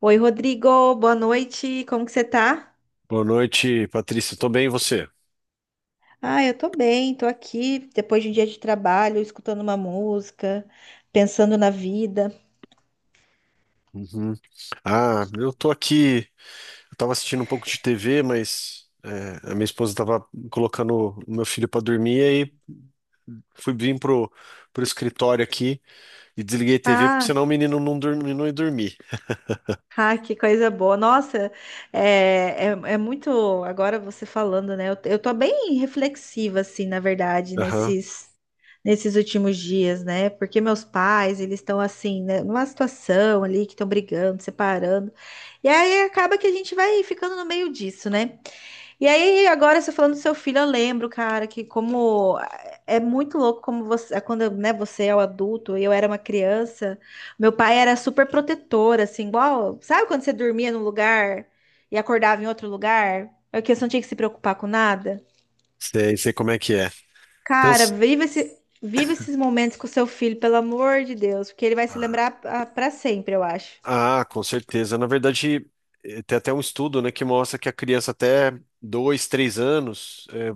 Oi, Rodrigo, boa noite. Como que você tá? Boa noite, Patrícia. Tô bem, e você? Ah, eu tô bem, tô aqui depois de um dia de trabalho, escutando uma música, pensando na vida. Uhum. Ah, eu tô aqui. Eu tava assistindo um pouco de TV, mas a minha esposa tava colocando o meu filho pra dormir, e aí fui vir pro escritório aqui e desliguei a TV, porque Ah, senão o menino não dorme, não ia dormir. ah, que coisa boa. Nossa, é, é, é muito. Agora você falando, né? Eu tô bem reflexiva, assim, na verdade, Aham. Nesses últimos dias, né? Porque meus pais, eles estão assim, né? Numa situação ali que estão brigando, separando. E aí acaba que a gente vai ficando no meio disso, né? E aí, agora você falando do seu filho, eu lembro, cara, que como é muito louco como você, é quando, né, você é o adulto e eu era uma criança, meu pai era super protetor, assim, igual, sabe quando você dormia num lugar e acordava em outro lugar? É que você não tinha que se preocupar com nada? Sei, sei como é que é. Cara, Cansa- vive esses momentos com o seu filho, pelo amor de Deus, porque ele vai se lembrar pra sempre, eu acho. Ah, com certeza. Na verdade, tem até um estudo, né, que mostra que a criança até dois, três anos.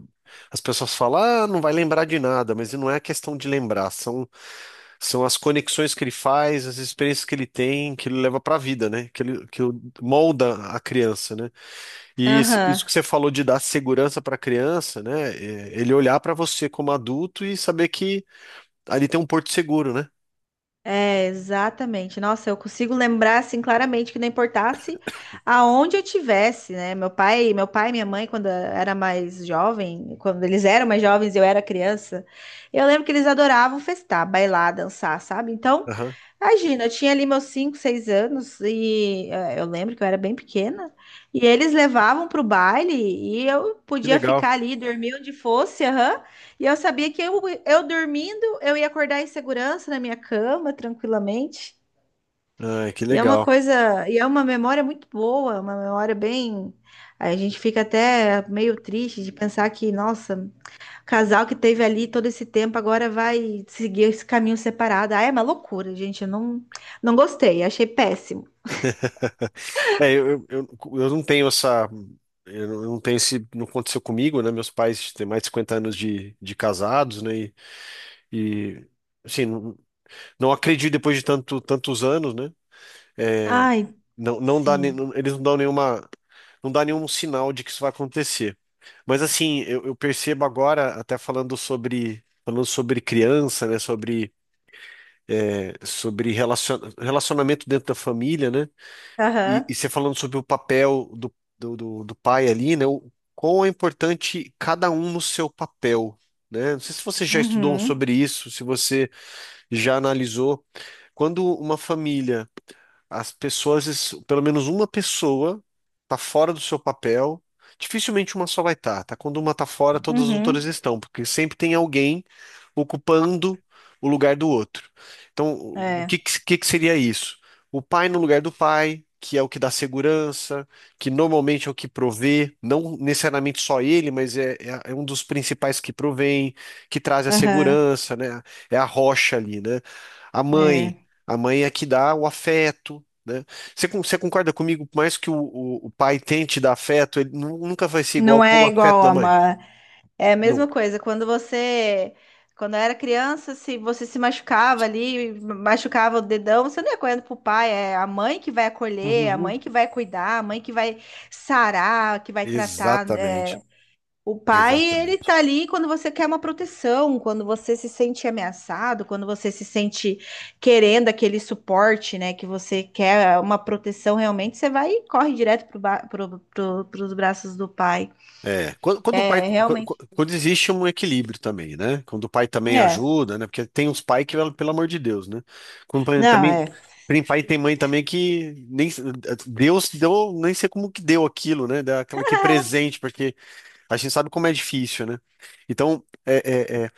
As pessoas falam: "Ah, não vai lembrar de nada", mas não é a questão de lembrar, são as conexões que ele faz, as experiências que ele tem, que ele leva para a vida, né? Que ele, molda a criança, né? E Aham. isso que você falou de dar segurança para a criança, né? É, ele olhar para você como adulto e saber que ali tem um porto seguro, né? É, exatamente. Nossa, eu consigo lembrar assim claramente que não importasse aonde eu tivesse, né? Meu pai e minha mãe, quando eles eram mais jovens, e eu era criança, eu lembro que eles adoravam festar, bailar, dançar, sabe? Então, Aham. imagina, eu tinha ali meus 5, 6 anos e eu lembro que eu era bem pequena, e eles levavam pro baile e eu Que podia legal. ficar ali, dormir onde fosse, aham. E eu sabia que eu dormindo, eu ia acordar em segurança na minha cama, tranquilamente. Ai, que E é uma legal. coisa, e é uma memória muito boa, uma memória bem. A gente fica até meio triste de pensar que, nossa, o casal que teve ali todo esse tempo agora vai seguir esse caminho separado. Ah, é uma loucura, gente. Eu não, não gostei, achei péssimo. É, eu eu não tenho essa. Eu não tenho esse. Não aconteceu comigo, né? Meus pais têm mais de 50 anos de casados, né? E, assim, não, não acredito depois de tanto, tantos anos, né? É, Ai, não, sim. Eles não dão nenhuma, não dá nenhum sinal de que isso vai acontecer. Mas, assim, eu percebo agora, até falando sobre criança, né? Sobre, sobre relacionamento dentro da família, né? E Aham. você falando sobre o papel do pai ali, né? O, quão é importante cada um no seu papel. Né? Não sei se você já estudou Uhum. sobre isso, se você já analisou quando uma família as pessoas, pelo menos uma pessoa, tá fora do seu papel. Dificilmente uma só vai estar, tá? Quando uma tá fora, todas as outras Uhum. estão, porque sempre tem alguém ocupando o lugar do outro. Então, o que, É. que que que seria isso? O pai no lugar do pai, que é o que dá segurança, que normalmente é o que provê, não necessariamente só ele, mas é um dos principais que provém, que traz a Aham. segurança, né? É a rocha ali, né? A mãe, É. a mãe é a que dá o afeto, né? Você, você concorda comigo? Por mais que o pai tente dar afeto, ele nunca vai ser igual Não com o é afeto igual da a mãe. uma. É a mesma Nunca. coisa. Quando eu era criança, se você se machucava ali, machucava o dedão, você não ia correndo pro pai, é a mãe que vai acolher, a Uhum. mãe que vai cuidar, a mãe que vai sarar, que vai tratar. Exatamente. É. O pai, ele Exatamente. tá ali quando você quer uma proteção, quando você se sente ameaçado, quando você se sente querendo aquele suporte, né, que você quer uma proteção realmente, você vai e corre direto pros braços do pai. É, quando o pai, É, realmente. quando existe um equilíbrio também, né? Quando o pai também É. ajuda, né? Porque tem uns pais que, pelo amor de Deus, né? Não, Também é. tem pai e tem mãe também que nem Deus deu, nem sei como que deu aquilo, né? Dá aquela que é presente, porque a gente sabe como é difícil, né? Então, é, é,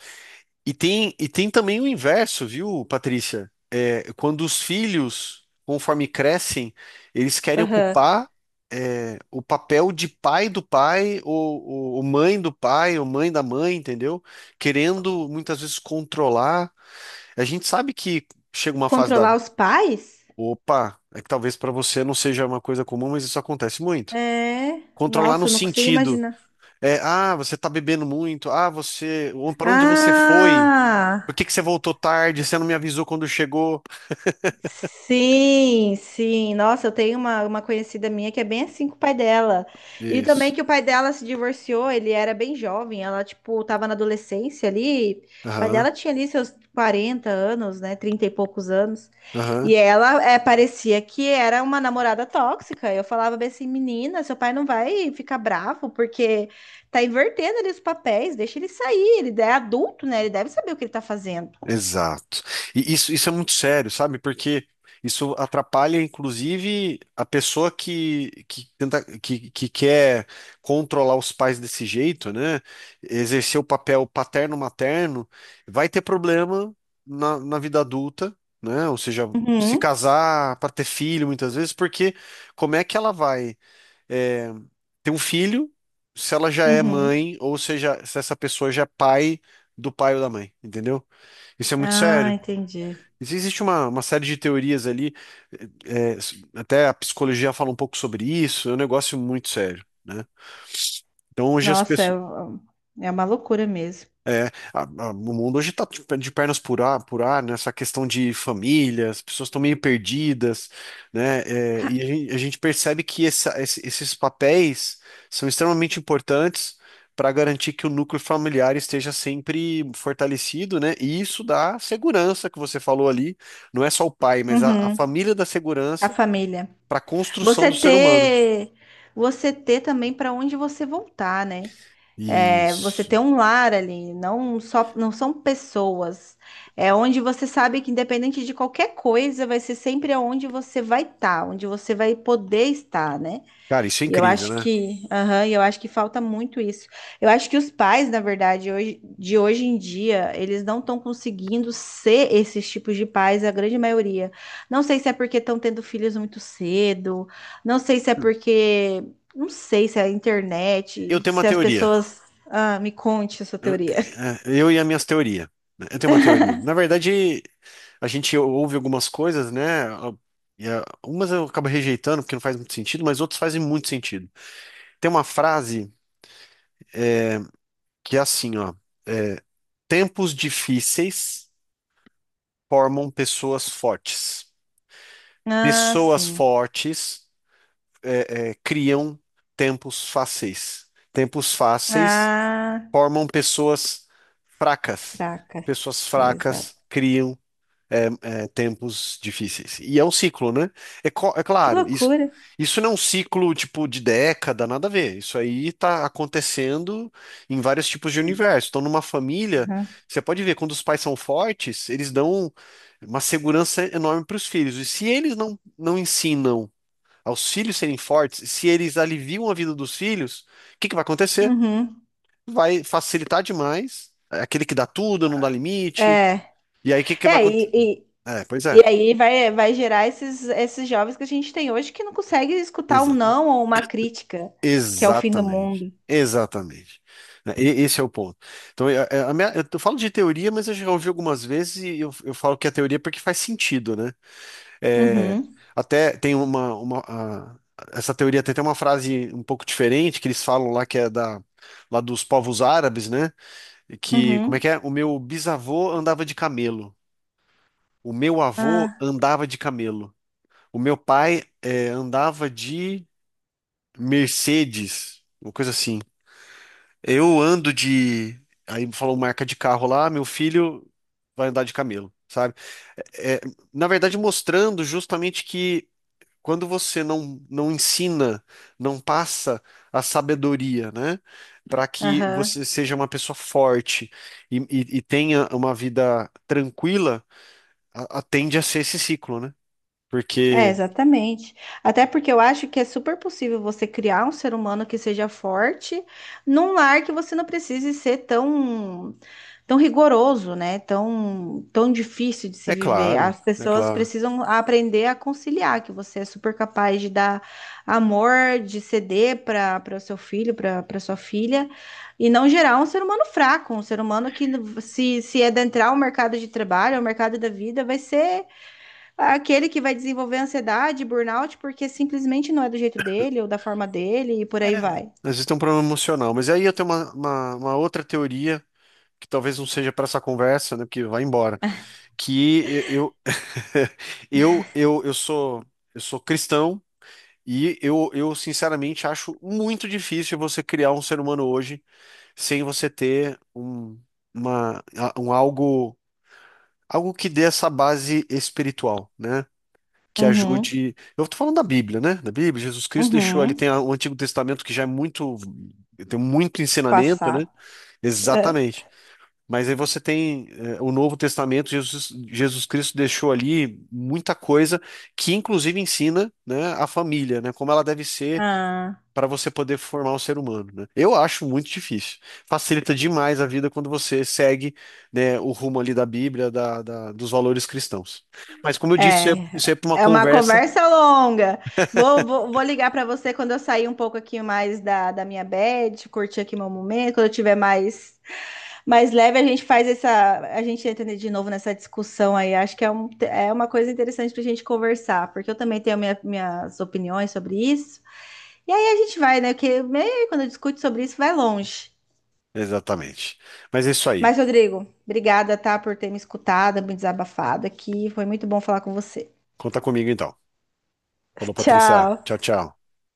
e tem, e tem também o inverso, viu, Patrícia? É, quando os filhos, conforme crescem, eles querem Aham. ocupar, o papel de pai do pai, ou mãe do pai, ou mãe da mãe, entendeu? Querendo muitas vezes controlar. A gente sabe que chega uma fase da. Controlar os pais? Opa, é que talvez para você não seja uma coisa comum, mas isso acontece muito. É. Controlar no Nossa, eu não consigo sentido, imaginar. Ah, você tá bebendo muito, ah, você, para onde você foi? Por Ah! que que você voltou tarde? Você não me avisou quando chegou? Sim, sim. Nossa, eu tenho uma conhecida minha que é bem assim com o pai dela. E também Isso. que o pai dela se divorciou, ele era bem jovem, ela, tipo, tava na adolescência ali. O pai Aham, dela tinha ali seus 40 anos, né? 30 e poucos anos. aham. E ela é, parecia que era uma namorada tóxica. Eu falava bem assim, menina, seu pai não vai ficar bravo, porque tá invertendo ali os papéis, deixa ele sair, ele é adulto, né? Ele deve saber o que ele tá fazendo. Exato. E isso é muito sério, sabe? Porque isso atrapalha, inclusive, a pessoa que tenta, que quer controlar os pais desse jeito, né? Exercer o papel paterno-materno, vai ter problema na, na vida adulta, né? Ou seja, se Uhum, casar para ter filho, muitas vezes, porque como é que ela vai? eh, Ter um filho, se ela já é uhum. mãe ou seja, se essa pessoa já é pai do pai ou da mãe, entendeu? Isso é muito Ah, sério. entendi. Existe uma série de teorias ali, eh, eh, até a psicologia fala um pouco sobre isso, é um negócio muito sério, né? Então hoje as Nossa, pessoas é uma loucura mesmo. é, o mundo hoje está de pernas por ar, nessa questão de família, as pessoas estão meio perdidas, né? É, Ca- e a gente percebe que esses papéis são extremamente importantes para garantir que o núcleo familiar esteja sempre fortalecido, né? E isso dá segurança que você falou ali, não é só o pai, mas a Uhum, família dá a segurança família. para a construção Você do ser humano. ter, você ter também para onde você voltar, né? É, você Isso. ter um lar ali, não são pessoas. É onde você sabe que independente de qualquer coisa, vai ser sempre aonde você vai estar, onde você vai poder estar, né? Cara, isso é E eu incrível, acho né? que, aham, e eu acho que falta muito isso. Eu acho que os pais, na verdade, de hoje em dia, eles não estão conseguindo ser esses tipos de pais, a grande maioria. Não sei se é porque estão tendo filhos muito cedo, não sei se é porque, não sei se é a Eu internet, tenho uma se as teoria. pessoas. Ah, me conte a sua Eu, teoria. Eu e as minhas teorias. Né? Eu tenho uma teoria. Na verdade, a gente ouve algumas coisas, né? E umas eu acabo rejeitando porque não faz muito sentido, mas outras fazem muito sentido. Tem uma frase que é assim, ó. é, Tempos difíceis formam pessoas fortes. Ah, Pessoas sim. fortes criam tempos fáceis. Tempos fáceis Ah, formam pessoas fracas. fracas. Pessoas Exato. fracas criam tempos difíceis. E é um ciclo, né? É, é Que claro, loucura. isso não é um ciclo tipo de década, nada a ver. Isso aí tá acontecendo em vários tipos de universo. Então, numa família, Uhum. você pode ver, quando os pais são fortes, eles dão uma segurança enorme para os filhos. E se eles não ensinam aos filhos serem fortes, se eles aliviam a vida dos filhos, o que que vai acontecer? Uhum. Vai facilitar demais. É aquele que dá tudo, não dá limite. É. E aí, o que que vai É, acontecer? e, É, pois é. E aí vai, vai gerar esses jovens que a gente tem hoje que não consegue escutar um Exato. não ou uma crítica, que é o fim do Exatamente. mundo. Exatamente. Né, esse é o ponto. Então, a eu falo de teoria, mas eu já ouvi algumas vezes e eu falo que é teoria porque faz sentido, né? É, Uhum, até tem uma essa teoria tem até uma frase um pouco diferente que eles falam lá que é da lá dos povos árabes, né? E que como é uhum. que é? O meu bisavô andava de camelo, o meu avô Ah, andava de camelo, o meu pai andava de Mercedes, uma coisa assim. Eu ando de. Aí falou marca de carro lá, meu filho vai andar de camelo, sabe? É, é, Na verdade, mostrando justamente que quando você não ensina, não passa a sabedoria, né? Para que aham. você seja uma pessoa forte e, e tenha uma vida tranquila, tende a ser esse ciclo, né? É, Porque, exatamente. Até porque eu acho que é super possível você criar um ser humano que seja forte num lar que você não precise ser tão tão rigoroso, né? Tão difícil de se viver. As é pessoas claro, precisam aprender a conciliar, que você é super capaz de dar amor, de ceder para o seu filho, para sua filha, e não gerar um ser humano fraco, um ser humano que se adentrar o mercado de trabalho, o mercado da vida, vai ser aquele que vai desenvolver ansiedade, burnout, porque simplesmente não é do jeito dele ou da forma dele e por aí vai. existe um problema emocional. Mas aí eu tenho uma outra teoria que talvez não seja para essa conversa, né? Porque vai embora. Que eu eu eu, eu sou eu sou cristão e eu sinceramente acho muito difícil você criar um ser humano hoje sem você ter um uma um algo algo que dê essa base espiritual, né? Que Uhum, ajude. Eu estou falando da Bíblia, né? Da Bíblia, Jesus Cristo deixou ali, uhum. tem o Antigo Testamento que já é muito, tem muito ensinamento, Passar. né? Exatamente. Mas aí você tem o Novo Testamento, Jesus Cristo deixou ali muita coisa que inclusive ensina, né, a família, né, como ela deve ser Ah. para você poder formar um ser humano, né? Eu acho muito difícil. Facilita demais a vida quando você segue, né, o rumo ali da Bíblia, dos valores cristãos. Mas como eu disse, isso é É, para uma é uma conversa. conversa longa. Vou ligar para você quando eu sair um pouco aqui mais da minha bed, curtir aqui meu momento. Quando eu tiver mais, mais leve, a gente faz essa. A gente entra de novo nessa discussão aí. Acho que é, um, é uma coisa interessante para a gente conversar, porque eu também tenho minha- minhas opiniões sobre isso. E aí a gente vai, né? Porque meio quando eu discuto sobre isso, vai longe. Exatamente. Mas é isso aí. Mas, Rodrigo, obrigada, tá, por ter me escutado, me desabafado aqui. Foi muito bom falar com você. Conta comigo então. Falou, Patrícia. Tchau. Tchau, tchau.